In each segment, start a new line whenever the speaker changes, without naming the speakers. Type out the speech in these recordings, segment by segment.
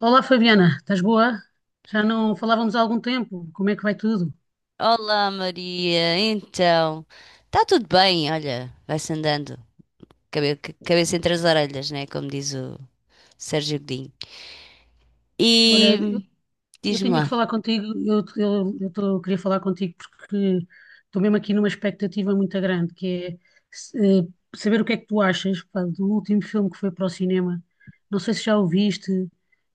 Olá Fabiana, estás boa? Já não falávamos há algum tempo, como é que vai tudo?
Olá Maria, então, está tudo bem. Olha, vai-se andando, cabeça entre as orelhas, né, como diz o Sérgio Godinho.
Olha,
E
eu
diz-me
tinha que
lá,
falar contigo, queria falar contigo porque estou mesmo aqui numa expectativa muito grande, que é se- eh, saber o que é que tu achas, pá, do último filme que foi para o cinema. Não sei se já o viste,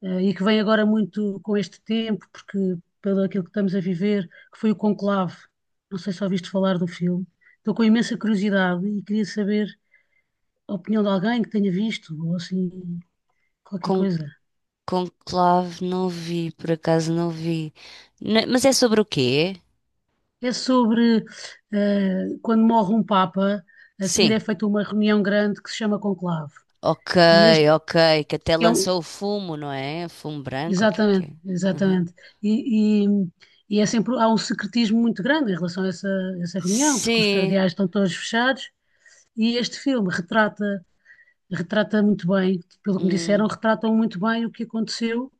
e que vem agora muito com este tempo, porque pelo aquilo que estamos a viver, que foi o Conclave. Não sei se ouviste falar do filme. Estou com imensa curiosidade e queria saber a opinião de alguém que tenha visto, ou assim, qualquer
con
coisa.
conclave não vi, por acaso não vi. Mas é sobre o quê?
É sobre quando morre um Papa, a seguir é
Sim,
feita uma reunião grande que se chama conclave.
ok,
E este
ok, que até
é um.
lançou o fumo, não é? Fumo branco, o que é que é?
Exatamente,
Uhum.
exatamente. E, e, e é sempre, há um secretismo muito grande em relação a essa, essa reunião, porque os
Sim,
cardeais estão todos fechados, e este filme retrata, retrata muito bem, pelo que me disseram,
hum,
retratam muito bem o que aconteceu.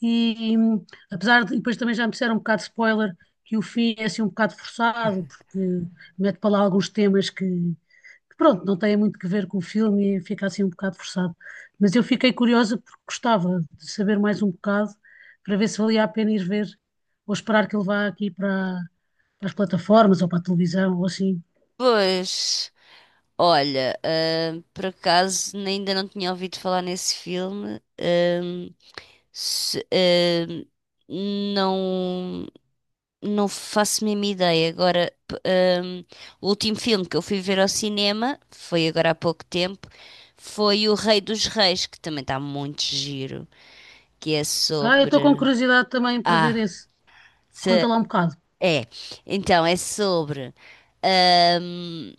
E apesar de, e depois também já me disseram um bocado de spoiler que o fim é assim um bocado forçado, porque mete para lá alguns temas que, pronto, não têm muito que ver com o filme e fica assim um bocado forçado. Mas eu fiquei curiosa porque gostava de saber mais um bocado para ver se valia a pena ir ver ou esperar que ele vá aqui para, para as plataformas ou para a televisão ou assim.
pois. Olha, por acaso ainda não tinha ouvido falar nesse filme. Se- ahm, não, não faço a mesma ideia. Agora, o último filme que eu fui ver ao cinema, foi agora há pouco tempo, foi O Rei dos Reis, que também está muito giro, que é
Ah, eu estou com
sobre.
curiosidade também para ver
Ah,
esse. Conta
se-
lá um bocado.
é. Então, é sobre hum,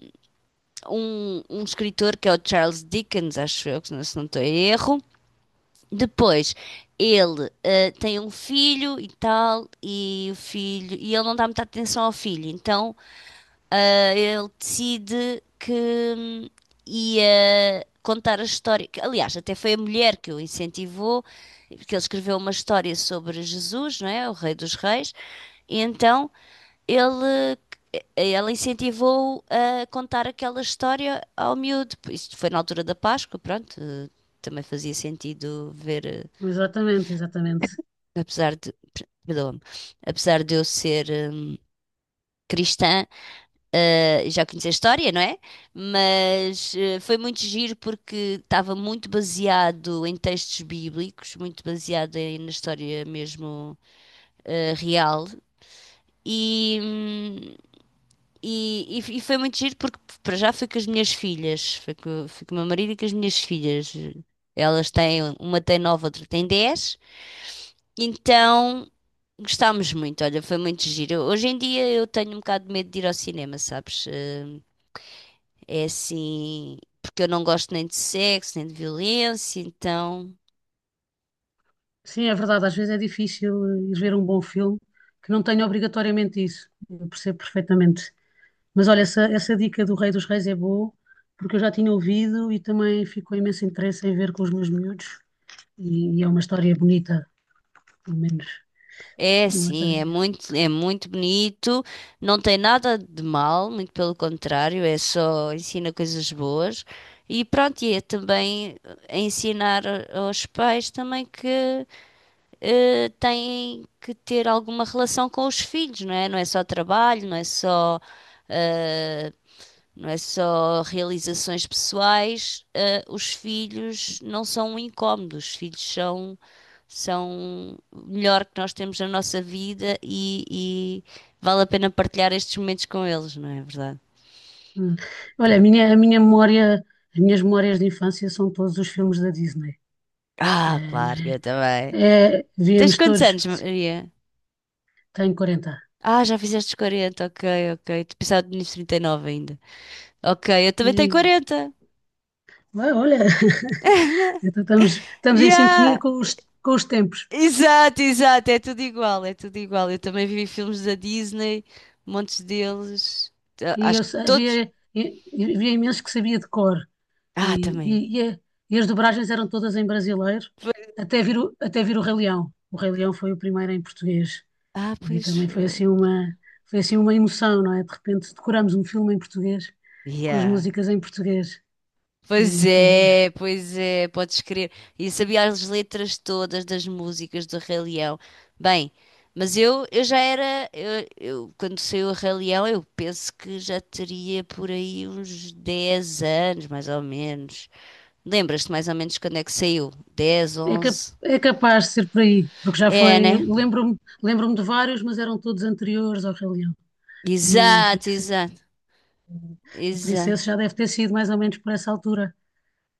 um escritor que é o Charles Dickens, acho eu, que não- se não estou em erro. Depois, ele tem um filho e tal, e o filho, e ele não dá muita atenção ao filho. Então ele decide que hum, ia contar a história. Que, aliás, até foi a mulher que o incentivou, porque ele escreveu uma história sobre Jesus, não é? O Rei dos Reis. E então ele, ela incentivou-o a contar aquela história ao miúdo. Isto foi na altura da Páscoa, pronto. Também fazia sentido ver,
Exatamente, exatamente.
apesar de, perdoa-me, apesar de eu ser cristã. Já conheci a história, não é? Mas foi muito giro porque estava muito baseado em textos bíblicos, muito baseado na história mesmo, real. E, hum, e foi muito giro porque, para já, foi com as minhas filhas, foi com o meu marido e com as minhas filhas. Elas têm, uma tem 9, outra tem 10. Então gostámos muito. Olha, foi muito giro. Hoje em dia eu tenho um bocado de medo de ir ao cinema, sabes? É assim, porque eu não gosto nem de sexo, nem de violência. Então
Sim, é verdade, às vezes é difícil ir ver um bom filme que não tenha obrigatoriamente isso. Eu percebo perfeitamente. Mas olha, essa dica do Rei dos Reis é boa, porque eu já tinha ouvido e também ficou imenso interesse em ver com os meus miúdos. E, e é uma história bonita, pelo menos.
é
É uma
assim,
história bonita.
é muito bonito, não tem nada de mal, muito pelo contrário, é só ensina coisas boas. E pronto, e é também ensinar, aos pais, também, que têm que ter alguma relação com os filhos, não é? Não é só trabalho, não é só eh, não é só realizações pessoais. Os filhos não são um incómodo, os filhos são, são o melhor que nós temos na nossa vida, e vale a pena partilhar estes momentos com eles, não é verdade?
Hum. Olha, a minha memória, as minhas memórias de infância são todos os filmes da Disney.
Ah,
É, não
claro,
é?
eu também.
É,
Tens
víamos
quantos
todos,
anos, Maria?
tenho 40.
Ah, já fizeste os 40, ok, ok. Tu pensava nos 39 ainda. Ok, eu também tenho
E,
40.
ah, olha. Então estamos, estamos em sintonia
Yeah!
com os tempos.
Exato, exato, é tudo igual, é tudo igual. Eu também vi filmes da Disney, montes deles. Ah,
E
acho
eu
que
sabia,
todos.
e havia imenso que sabia de cor. E,
Ah, também eu.
e, e, e as dobragens eram todas em brasileiro,
Pois.
até vir, até vir o Rei Leão. O Rei Leão foi o primeiro em português.
Ah,
E
pois.
também foi assim uma emoção, não é? De repente decoramos um filme em português, com as
Yeah.
músicas em português. Foi, foi giro.
Pois é, podes crer. E sabia as letras todas das músicas do Rei Leão. Bem, mas eu já era. Quando saiu o Rei Leão, eu penso que já teria por aí uns 10 anos, mais ou menos. Lembras-te mais ou menos quando é que saiu? 10,
É,
11.
é capaz de ser por aí, porque já foi.
É, né?
Lembro-me de vários, mas eram todos anteriores ao Rei Leão. E por
Exato,
isso.
exato,
E por isso
exato.
esse já deve ter sido mais ou menos por essa altura.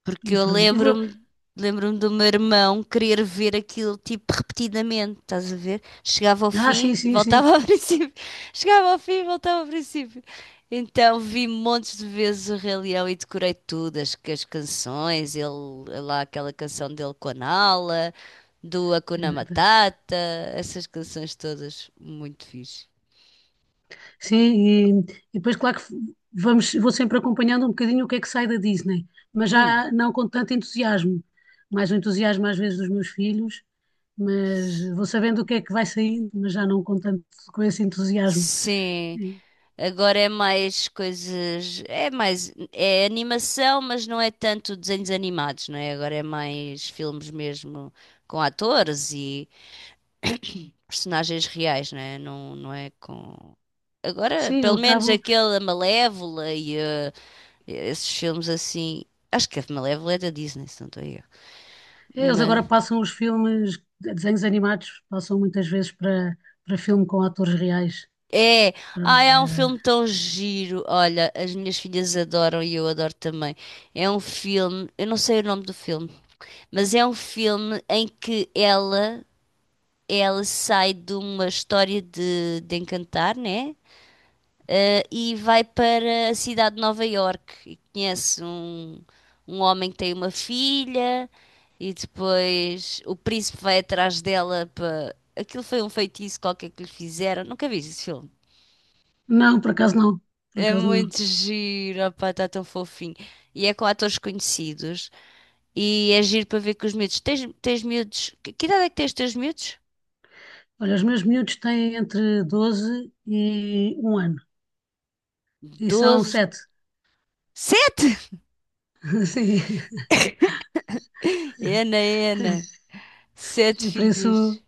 Porque
E
eu
pronto. E vou...
lembro-me do meu irmão querer ver aquilo tipo repetidamente, estás a ver? Chegava ao
Ah, sim,
fim,
sim, sim.
voltava ao princípio. Chegava ao fim, voltava ao princípio. Então vi montes de vezes o Rei Leão e decorei tudo, as canções, ele lá aquela canção dele com a Nala, do Hakuna Matata, essas canções todas muito fixe.
Sim, e depois, claro que vamos, vou sempre acompanhando um bocadinho o que é que sai da Disney, mas
Hum.
já não com tanto entusiasmo. Mais o entusiasmo às vezes dos meus filhos, mas vou sabendo o que é que vai saindo, mas já não com tanto com esse entusiasmo.
Sim.
E,
Agora é mais coisas. É mais. É animação, mas não é tanto desenhos animados, não é? Agora é mais filmes mesmo com atores e personagens reais, não é? Não, não é com. Agora,
sim, eu
pelo menos
acabo.
aquele a Malévola e esses filmes assim. Acho que a Malévola é da Disney, se não estou a erro.
É, eles
Mas.
agora passam os filmes, desenhos animados, passam muitas vezes para, para filme com atores reais.
É!
Para,
Ai, é um filme tão giro. Olha, as minhas filhas adoram e eu adoro também. É um filme. Eu não sei o nome do filme. Mas é um filme em que ela sai de uma história de Encantar, né? E vai para a cidade de Nova Iorque e conhece um homem que tem uma filha, e depois o príncipe vai atrás dela para. Aquilo foi um feitiço qualquer que lhe fizeram. Nunca vi esse filme.
não, por acaso não. Por
É
acaso não.
muito giro, opá, está tão fofinho. E é com atores conhecidos. E é giro para ver com os miúdos. Tens miúdos. Que idade é que tens os teus miúdos?
Olha, os meus miúdos têm entre 12 e um ano. E são
12.
sete.
Sete. Ena, ena,
Sim.
sete
E por isso
filhos.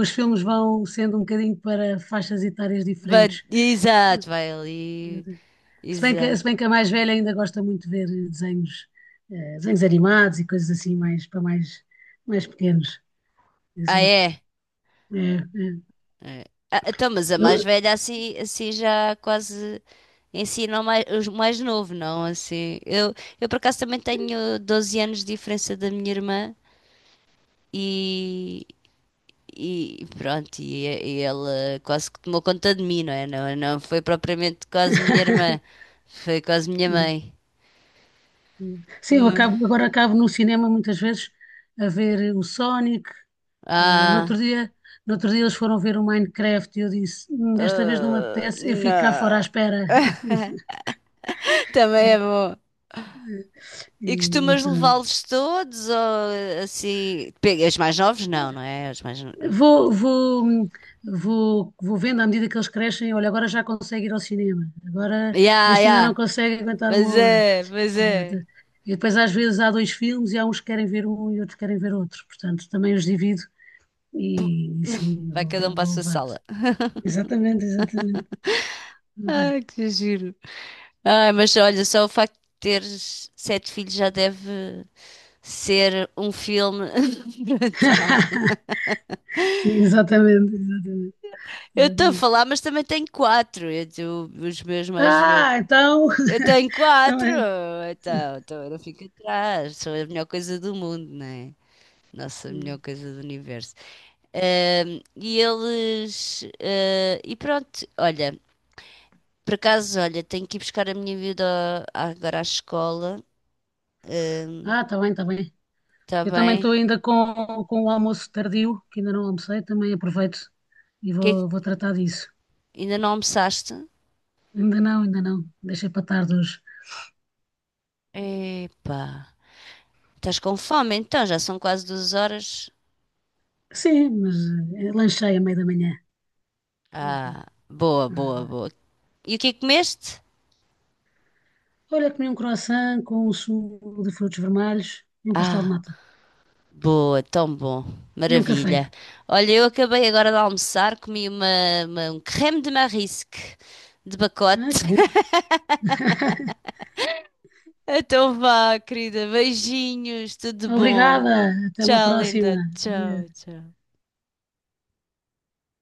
os filmes vão sendo um bocadinho para faixas etárias diferentes.
Exato, vai ali.
Se bem que,
Exato.
se bem que a mais velha ainda gosta muito de ver desenhos, desenhos animados e coisas assim mais para mais, mais pequenos.
Ah,
Assim,
é?
é, é.
É. Ah, então, mas a mais
Eu-
velha, assim, assim já quase ensina o mais, os mais novo, não? Assim, eu por acaso também tenho 12 anos de diferença da minha irmã, e, e pronto, e ela quase que tomou conta de mim, não é? Não, não foi propriamente quase minha irmã, foi quase minha mãe.
Sim, eu
Hum.
acabo, agora acabo no cinema muitas vezes a ver o Sonic. No outro
Ah,
dia, no outro dia eles foram ver o Minecraft e eu disse, desta vez não me
ah,
apetece, eu fico cá fora à
não.
espera."
Também é bom.
E,
E
e
costumas
pronto.
levá-los todos ou assim? Pega, os mais novos? Não, não é? Os mais.
Vou, vou, hum, vou, vou vendo à medida que eles crescem. Olha, agora já consegue ir ao cinema. Agora
Ya,
este ainda não
ya.
consegue aguentar
Mas
uma hora.
é, mas
Eh,
é.
de- E depois às vezes há dois filmes e há uns que querem ver um e outros querem ver outro. Portanto, também os divido e sim,
Vai
vou,
cada um para a
vou
sua
levando.
sala.
Exatamente, exatamente.
Ai, que giro. Ai, mas olha, só o facto de teres sete filhos já deve ser um filme brutal.
Sim, exatamente, exatamente.
Eu estou a
Exatamente.
falar, mas também tenho quatro. Eu- os meus mais
Ah, então.
Eu tenho quatro,
Também.
então eu não fico atrás, sou a melhor coisa do mundo, não é? Nossa, a melhor coisa do universo. E eles. E pronto, olha, por acaso, olha, tenho que ir buscar a minha vida agora à escola.
Ah, está bem, está bem.
Está
Eu também
bem?
estou ainda com o almoço tardio, que ainda não almocei, também aproveito e
Que é que-
vou, vou tratar disso.
Ainda não almoçaste?
Ainda não, ainda não. Deixei para tarde hoje.
Epá, estás com fome então, já são quase 2 horas.
Sim, mas lanchei a meio da manhã.
Ah, boa, boa,
Ah,
boa. E o que é que comeste?
olha, comi um croissant com um sumo de frutos vermelhos e um pastel de
Ah.
nata.
Boa, tão bom.
E um café.
Maravilha. Olha, eu acabei agora de almoçar, comi uma, um creme de marisque de
Ah,
pacote.
que bom.
Então vá, querida. Beijinhos, tudo bom.
Obrigada. Até uma
Tchau,
próxima.
linda. Tchau, tchau.